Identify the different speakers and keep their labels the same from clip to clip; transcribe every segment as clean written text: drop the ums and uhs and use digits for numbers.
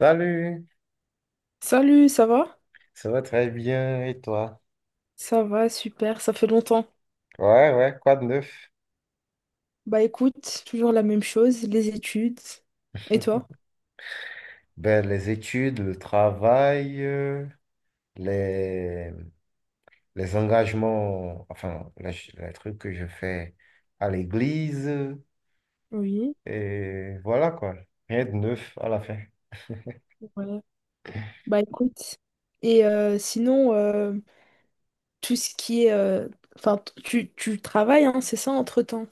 Speaker 1: Salut,
Speaker 2: Salut, ça va?
Speaker 1: ça va très bien et toi?
Speaker 2: Ça va, super, ça fait longtemps.
Speaker 1: Ouais, ouais, quoi de neuf?
Speaker 2: Bah écoute, toujours la même chose, les études. Et toi?
Speaker 1: Ben, les études, le travail, les, les engagements, enfin, les trucs que je fais à l'église,
Speaker 2: Oui,
Speaker 1: et voilà quoi, rien de neuf à la fin.
Speaker 2: ouais. Bah écoute. Et sinon, tout ce qui est, enfin, tu travailles, hein, c'est ça, entre-temps.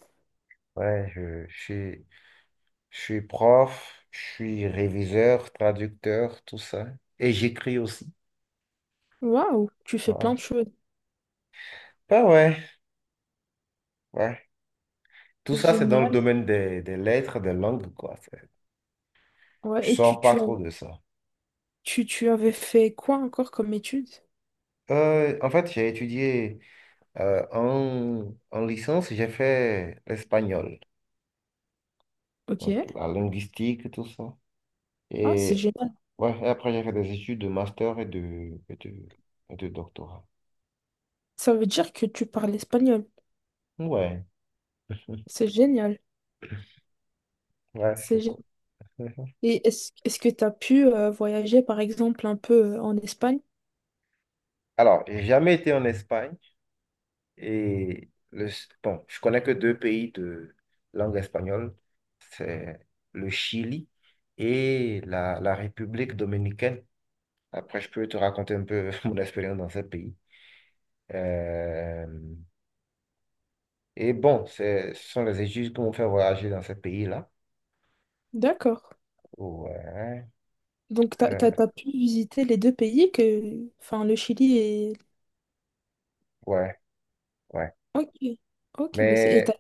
Speaker 1: Ouais, je suis prof, je suis réviseur, traducteur, tout ça, et j'écris aussi.
Speaker 2: Waouh, tu fais plein de
Speaker 1: Ouais,
Speaker 2: choses.
Speaker 1: ben ouais, ouais. Tout ça, c'est dans le
Speaker 2: Génial.
Speaker 1: domaine des lettres, des langues, quoi. Je
Speaker 2: Ouais, et tu,
Speaker 1: sors pas
Speaker 2: tu,
Speaker 1: trop de ça.
Speaker 2: tu, tu avais fait quoi encore comme études?
Speaker 1: En fait, j'ai étudié en licence, j'ai fait l'espagnol,
Speaker 2: Ok.
Speaker 1: donc la linguistique, tout ça.
Speaker 2: Ah, c'est
Speaker 1: Et,
Speaker 2: génial.
Speaker 1: ouais, et après, j'ai fait des études de master et de doctorat.
Speaker 2: Ça veut dire que tu parles espagnol.
Speaker 1: Ouais,
Speaker 2: C'est génial.
Speaker 1: ouais, c'est
Speaker 2: C'est
Speaker 1: cool.
Speaker 2: Et est-ce que tu as pu voyager, par exemple, un peu en Espagne?
Speaker 1: Alors, j'ai jamais été en Espagne et bon, je connais que deux pays de langue espagnole, c'est le Chili et la République dominicaine. Après, je peux te raconter un peu mon expérience dans ce pays. Euh, et bon, ce sont les études qui m'ont fait voyager dans ce pays-là.
Speaker 2: D'accord.
Speaker 1: Ouais,
Speaker 2: Donc, tu
Speaker 1: euh,
Speaker 2: as pu visiter les deux pays que... Enfin, le Chili et...
Speaker 1: ouais, ouais.
Speaker 2: Ok. Ok, bah c'est... Et t'as...
Speaker 1: Mais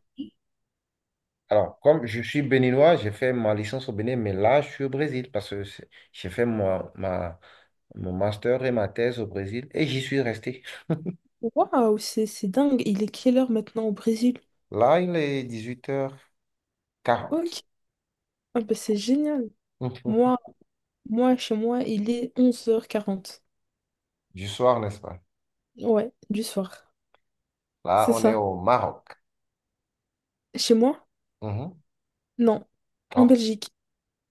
Speaker 1: alors, comme je suis béninois, j'ai fait ma licence au Bénin, mais là, je suis au Brésil parce que j'ai fait mon master et ma thèse au Brésil et j'y suis resté.
Speaker 2: Waouh, c'est dingue. Il est quelle heure maintenant au Brésil?
Speaker 1: Là, il est 18h40
Speaker 2: Ok. Ah, bah c'est génial. Moi, moi, chez moi, il est 11h40.
Speaker 1: du soir, n'est-ce pas?
Speaker 2: Ouais, du soir.
Speaker 1: Là,
Speaker 2: C'est
Speaker 1: on est
Speaker 2: ça.
Speaker 1: au Maroc.
Speaker 2: Chez moi?
Speaker 1: Mhm.
Speaker 2: Non. En
Speaker 1: Oh.
Speaker 2: Belgique,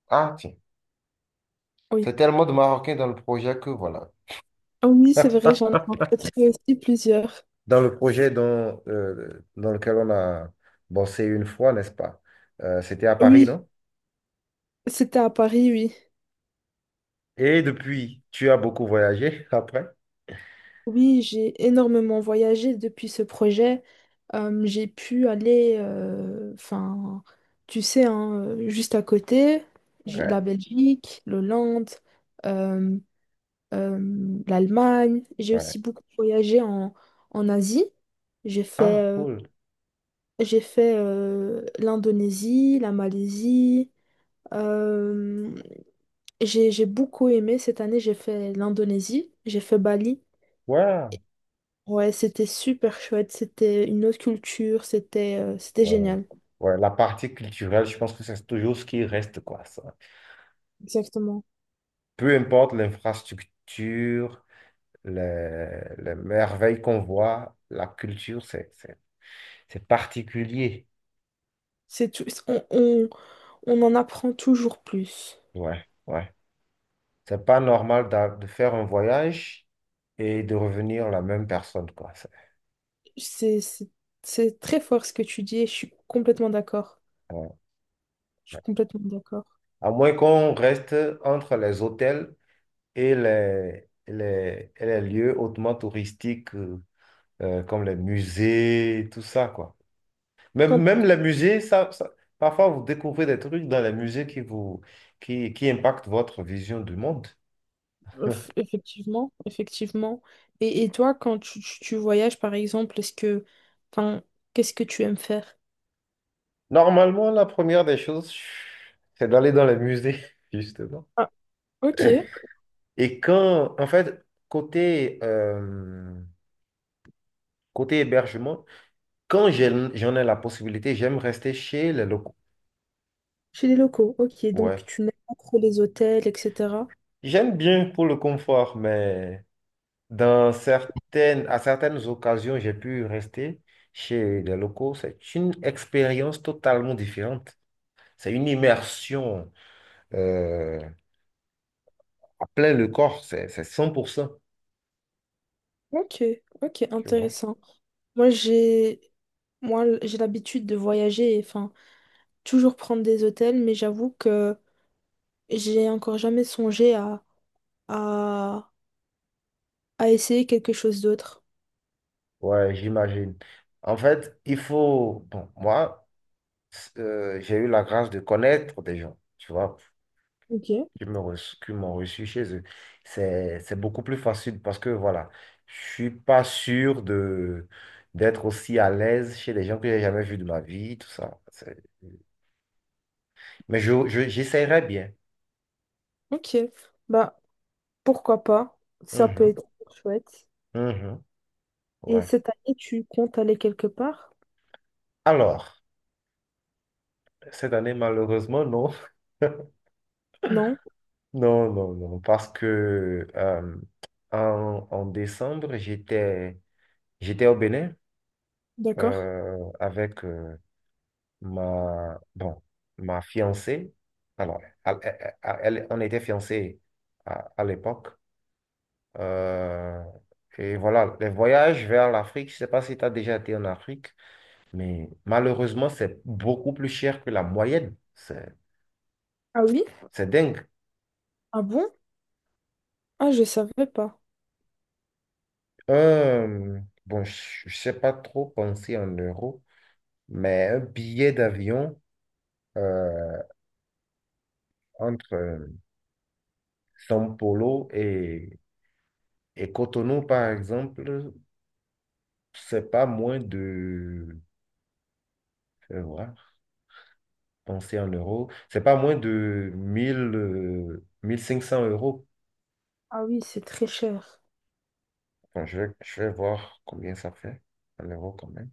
Speaker 1: Ah, tiens.
Speaker 2: oui.
Speaker 1: C'est tellement de Marocains dans le projet que voilà.
Speaker 2: Ah oui, c'est vrai, j'en ai rencontré aussi plusieurs.
Speaker 1: Dans le projet dont, dans lequel on a bossé une fois, n'est-ce pas? C'était à Paris,
Speaker 2: Oui,
Speaker 1: non?
Speaker 2: c'était à Paris, oui.
Speaker 1: Et depuis, tu as beaucoup voyagé après?
Speaker 2: Oui, j'ai énormément voyagé depuis ce projet. J'ai pu aller, enfin, tu sais, hein, juste à côté, j'ai la
Speaker 1: Ouais,
Speaker 2: Belgique, l'Hollande, euh, euh, l'Allemagne. J'ai
Speaker 1: ouais.
Speaker 2: aussi beaucoup voyagé en Asie. J'ai fait,
Speaker 1: Ah,
Speaker 2: euh,
Speaker 1: cool.
Speaker 2: j'ai fait l'Indonésie, la Malaisie. euh, j'ai beaucoup aimé. Cette année, j'ai fait l'Indonésie, j'ai fait Bali.
Speaker 1: Ouais,
Speaker 2: Ouais, c'était super chouette, c'était une autre culture, c'était
Speaker 1: ouais.
Speaker 2: génial.
Speaker 1: Ouais, la partie culturelle, je pense que c'est toujours ce qui reste, quoi, ça.
Speaker 2: Exactement.
Speaker 1: Peu importe l'infrastructure, les merveilles qu'on voit, la culture, c'est particulier.
Speaker 2: C'est tout, on en apprend toujours plus.
Speaker 1: Ouais, ouais. C'est pas normal de faire un voyage et de revenir la même personne, quoi.
Speaker 2: C'est c'est- c'est très fort ce que tu dis et je suis complètement d'accord.
Speaker 1: Ouais,
Speaker 2: Je
Speaker 1: ouais.
Speaker 2: suis complètement d'accord.
Speaker 1: À moins qu'on reste entre les hôtels et et les lieux hautement touristiques, comme les musées, tout ça, quoi.
Speaker 2: Quand,
Speaker 1: Même les musées, parfois vous découvrez des trucs dans les musées qui impactent votre vision du monde.
Speaker 2: effectivement, effectivement. Et toi, quand tu voyages, par exemple, est-ce que, enfin, qu'est-ce que tu aimes faire?
Speaker 1: Normalement, la première des choses, c'est d'aller dans les musées, justement.
Speaker 2: Ah, ok.
Speaker 1: Et quand, en fait, côté, euh, côté hébergement, quand j'en ai la possibilité, j'aime rester chez les locaux.
Speaker 2: Chez les locaux, ok. Donc
Speaker 1: Ouais.
Speaker 2: tu n'aimes pas trop les hôtels, etc.
Speaker 1: J'aime bien pour le confort, mais à certaines occasions, j'ai pu rester chez les locaux. C'est une expérience totalement différente. C'est une immersion euh, à plein le corps. C'est cent pour cent,
Speaker 2: Ok, ok,
Speaker 1: tu vois.
Speaker 2: intéressant. Moi j'ai moi l- j'ai l'habitude de voyager et enfin toujours prendre des hôtels, mais j'avoue que j'ai encore jamais songé à, à essayer quelque chose d'autre.
Speaker 1: Ouais, j'imagine. En fait, il faut, bon, moi, j'ai eu la grâce de connaître des gens, tu vois,
Speaker 2: Ok.
Speaker 1: qui m'ont reçu chez eux. C'est beaucoup plus facile parce que, voilà, je suis pas sûr d'être aussi à l'aise chez des gens que j'ai jamais vus de ma vie, tout ça. Mais j'essaierai bien.
Speaker 2: Ok. Bah pourquoi pas? Ça peut
Speaker 1: Mhm,
Speaker 2: être chouette.
Speaker 1: mhm,
Speaker 2: Et
Speaker 1: ouais.
Speaker 2: cette année, tu comptes aller quelque part?
Speaker 1: Alors, cette année, malheureusement, non.
Speaker 2: Non?
Speaker 1: Non, non, non, parce que en décembre, j'étais au Bénin
Speaker 2: D'accord.
Speaker 1: avec, bon, ma fiancée, alors, on était fiancés à l'époque. Euh, et voilà, les voyages vers l'Afrique, je ne sais pas si tu as déjà été en Afrique, mais malheureusement, c'est beaucoup plus cher que la moyenne.
Speaker 2: Ah oui?
Speaker 1: C'est dingue.
Speaker 2: Ah bon? Ah je savais pas.
Speaker 1: Bon, je ne sais pas trop penser en euros, mais un billet d'avion euh, entre São Paulo et Cotonou, par exemple, c'est pas moins de, je vais voir, penser en euros, c'est pas moins de 1500 euros.
Speaker 2: Ah oui, c'est très cher.
Speaker 1: Bon, je vais voir combien ça fait en euros quand même.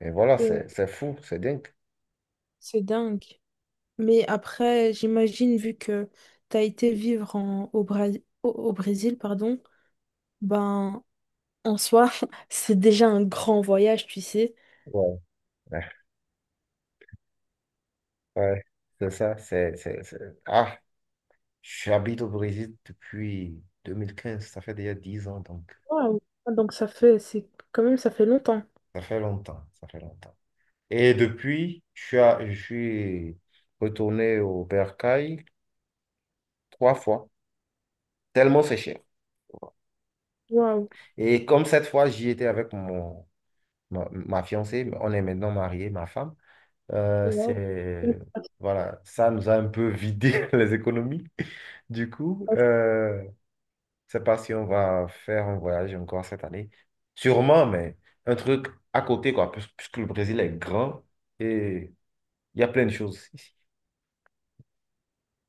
Speaker 1: Et voilà,
Speaker 2: Et
Speaker 1: c'est fou, c'est dingue.
Speaker 2: c'est dingue. Mais après, j'imagine, vu que tu as été vivre au Brésil, pardon, ben, en soi, c'est déjà un grand voyage, tu sais.
Speaker 1: Ouais, ouais, ouais, c'est ça. Ah, j'habite au Brésil depuis 2015, ça fait déjà 10 ans, donc
Speaker 2: Waouh. Ah, donc ça fait, c'est quand même, ça fait longtemps.
Speaker 1: ça fait longtemps, ça fait longtemps. Et depuis, je suis retourné au Bercail trois fois, tellement c'est cher.
Speaker 2: Waouh.
Speaker 1: Et comme cette fois, j'y étais avec ma fiancée, on est maintenant mariés, ma femme, euh,
Speaker 2: Waouh.
Speaker 1: c'est, voilà, ça nous a un peu vidé les économies. Du coup, je sais pas si on va faire un voyage encore cette année. Sûrement, mais un truc à côté, quoi, puisque le Brésil est grand et il y a plein de choses ici.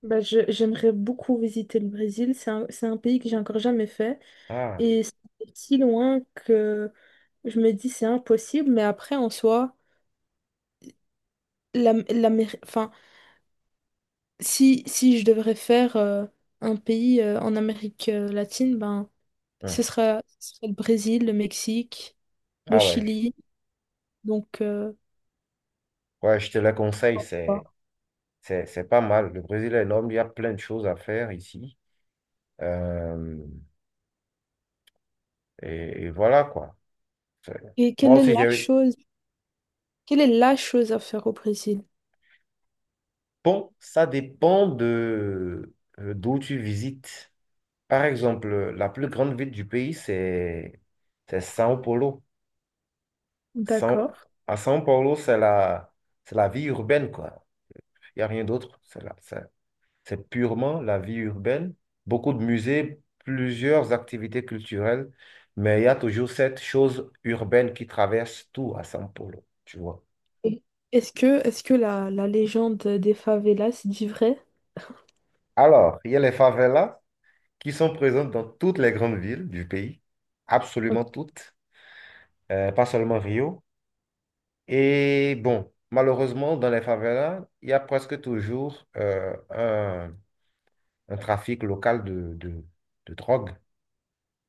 Speaker 2: Ben, j'aimerais beaucoup visiter le Brésil. C'est un pays que j'ai encore jamais fait.
Speaker 1: Ah,
Speaker 2: Et c'est si loin que je me dis c'est impossible. Mais après, en soi, la, la, si je devrais faire un pays en Amérique latine, ben,
Speaker 1: hum.
Speaker 2: ce sera le Brésil, le Mexique, le
Speaker 1: Ah ouais,
Speaker 2: Chili. Donc,
Speaker 1: ouais, je te le conseille,
Speaker 2: voilà.
Speaker 1: c'est pas mal. Le Brésil est énorme, il y a plein de choses à faire ici. Euh, et voilà, quoi. C'est-
Speaker 2: et
Speaker 1: Moi
Speaker 2: quelle est la
Speaker 1: aussi, j'ai...
Speaker 2: chose, Quelle est la chose à faire au Brésil?
Speaker 1: Bon, ça dépend de d'où tu visites. Par exemple, la plus grande ville du pays, c'est São Paulo. São-
Speaker 2: D'accord.
Speaker 1: À São Paulo, c'est la vie urbaine, quoi. Il n'y a rien d'autre. C'est purement la vie urbaine. Beaucoup de musées, plusieurs activités culturelles, mais il y a toujours cette chose urbaine qui traverse tout à São Paulo, tu vois.
Speaker 2: Et est-ce que la légende des favelas dit vrai?
Speaker 1: Alors, il y a les favelas, qui sont présentes dans toutes les grandes villes du pays,
Speaker 2: Ok,
Speaker 1: absolument toutes, pas seulement Rio. Et bon, malheureusement, dans les favelas, il y a presque toujours un trafic local de drogue.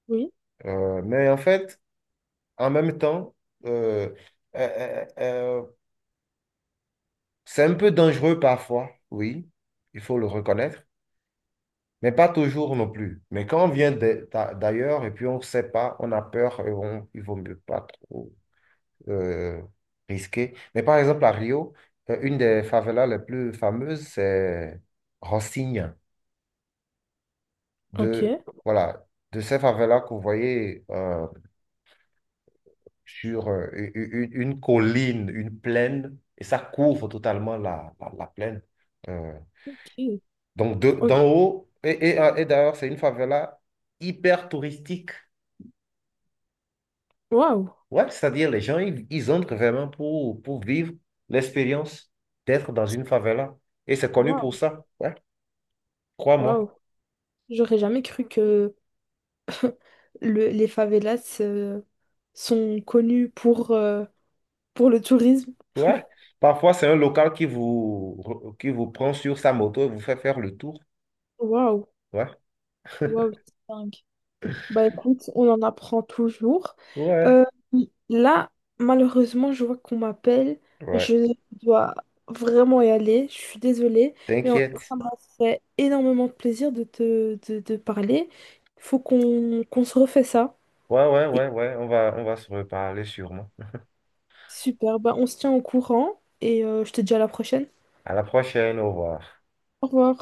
Speaker 2: oui,
Speaker 1: Mais en fait, en même temps, euh, euh, euh, euh, c'est un peu dangereux parfois, oui, il faut le reconnaître. Mais pas toujours non plus. Mais quand on vient d'ailleurs et puis on ne sait pas, on a peur, il vaut mieux pas trop euh, risqué. Mais par exemple, à Rio, une des favelas les plus fameuses, c'est Rocinha. De,
Speaker 2: ok.
Speaker 1: voilà, de ces favelas que vous voyez sur une colline, une plaine, et ça couvre totalement la plaine. Euh,
Speaker 2: Ok.
Speaker 1: donc, d'en
Speaker 2: Ok.
Speaker 1: haut, et d'ailleurs, c'est une favela hyper touristique.
Speaker 2: Waouh!
Speaker 1: Ouais, c'est-à-dire, les gens, ils entrent vraiment pour vivre l'expérience d'être dans une favela. Et c'est connu
Speaker 2: Waouh!
Speaker 1: pour ça. Ouais. 3 mois.
Speaker 2: Waouh! J'aurais jamais cru que les favelas sont connues pour, le tourisme.
Speaker 1: Ouais. Parfois, c'est un local qui vous, prend sur sa moto et vous fait faire le tour.
Speaker 2: Waouh,
Speaker 1: Ouais.
Speaker 2: waouh, c'est dingue. Bah écoute, on en apprend toujours. Euh,
Speaker 1: Ouais.
Speaker 2: Là, malheureusement, je vois qu'on m'appelle.
Speaker 1: Ouais.
Speaker 2: Je dois vraiment y aller. Je suis désolée, mais
Speaker 1: T'inquiète.
Speaker 2: ça m'a fait énormément de plaisir de parler. Il faut qu'on se refait ça.
Speaker 1: Ouais, ouais,
Speaker 2: Et
Speaker 1: ouais, ouais. On va se reparler sûrement.
Speaker 2: super, bah on se tient au courant et je te dis à la prochaine.
Speaker 1: À la prochaine. Au revoir.
Speaker 2: Au revoir.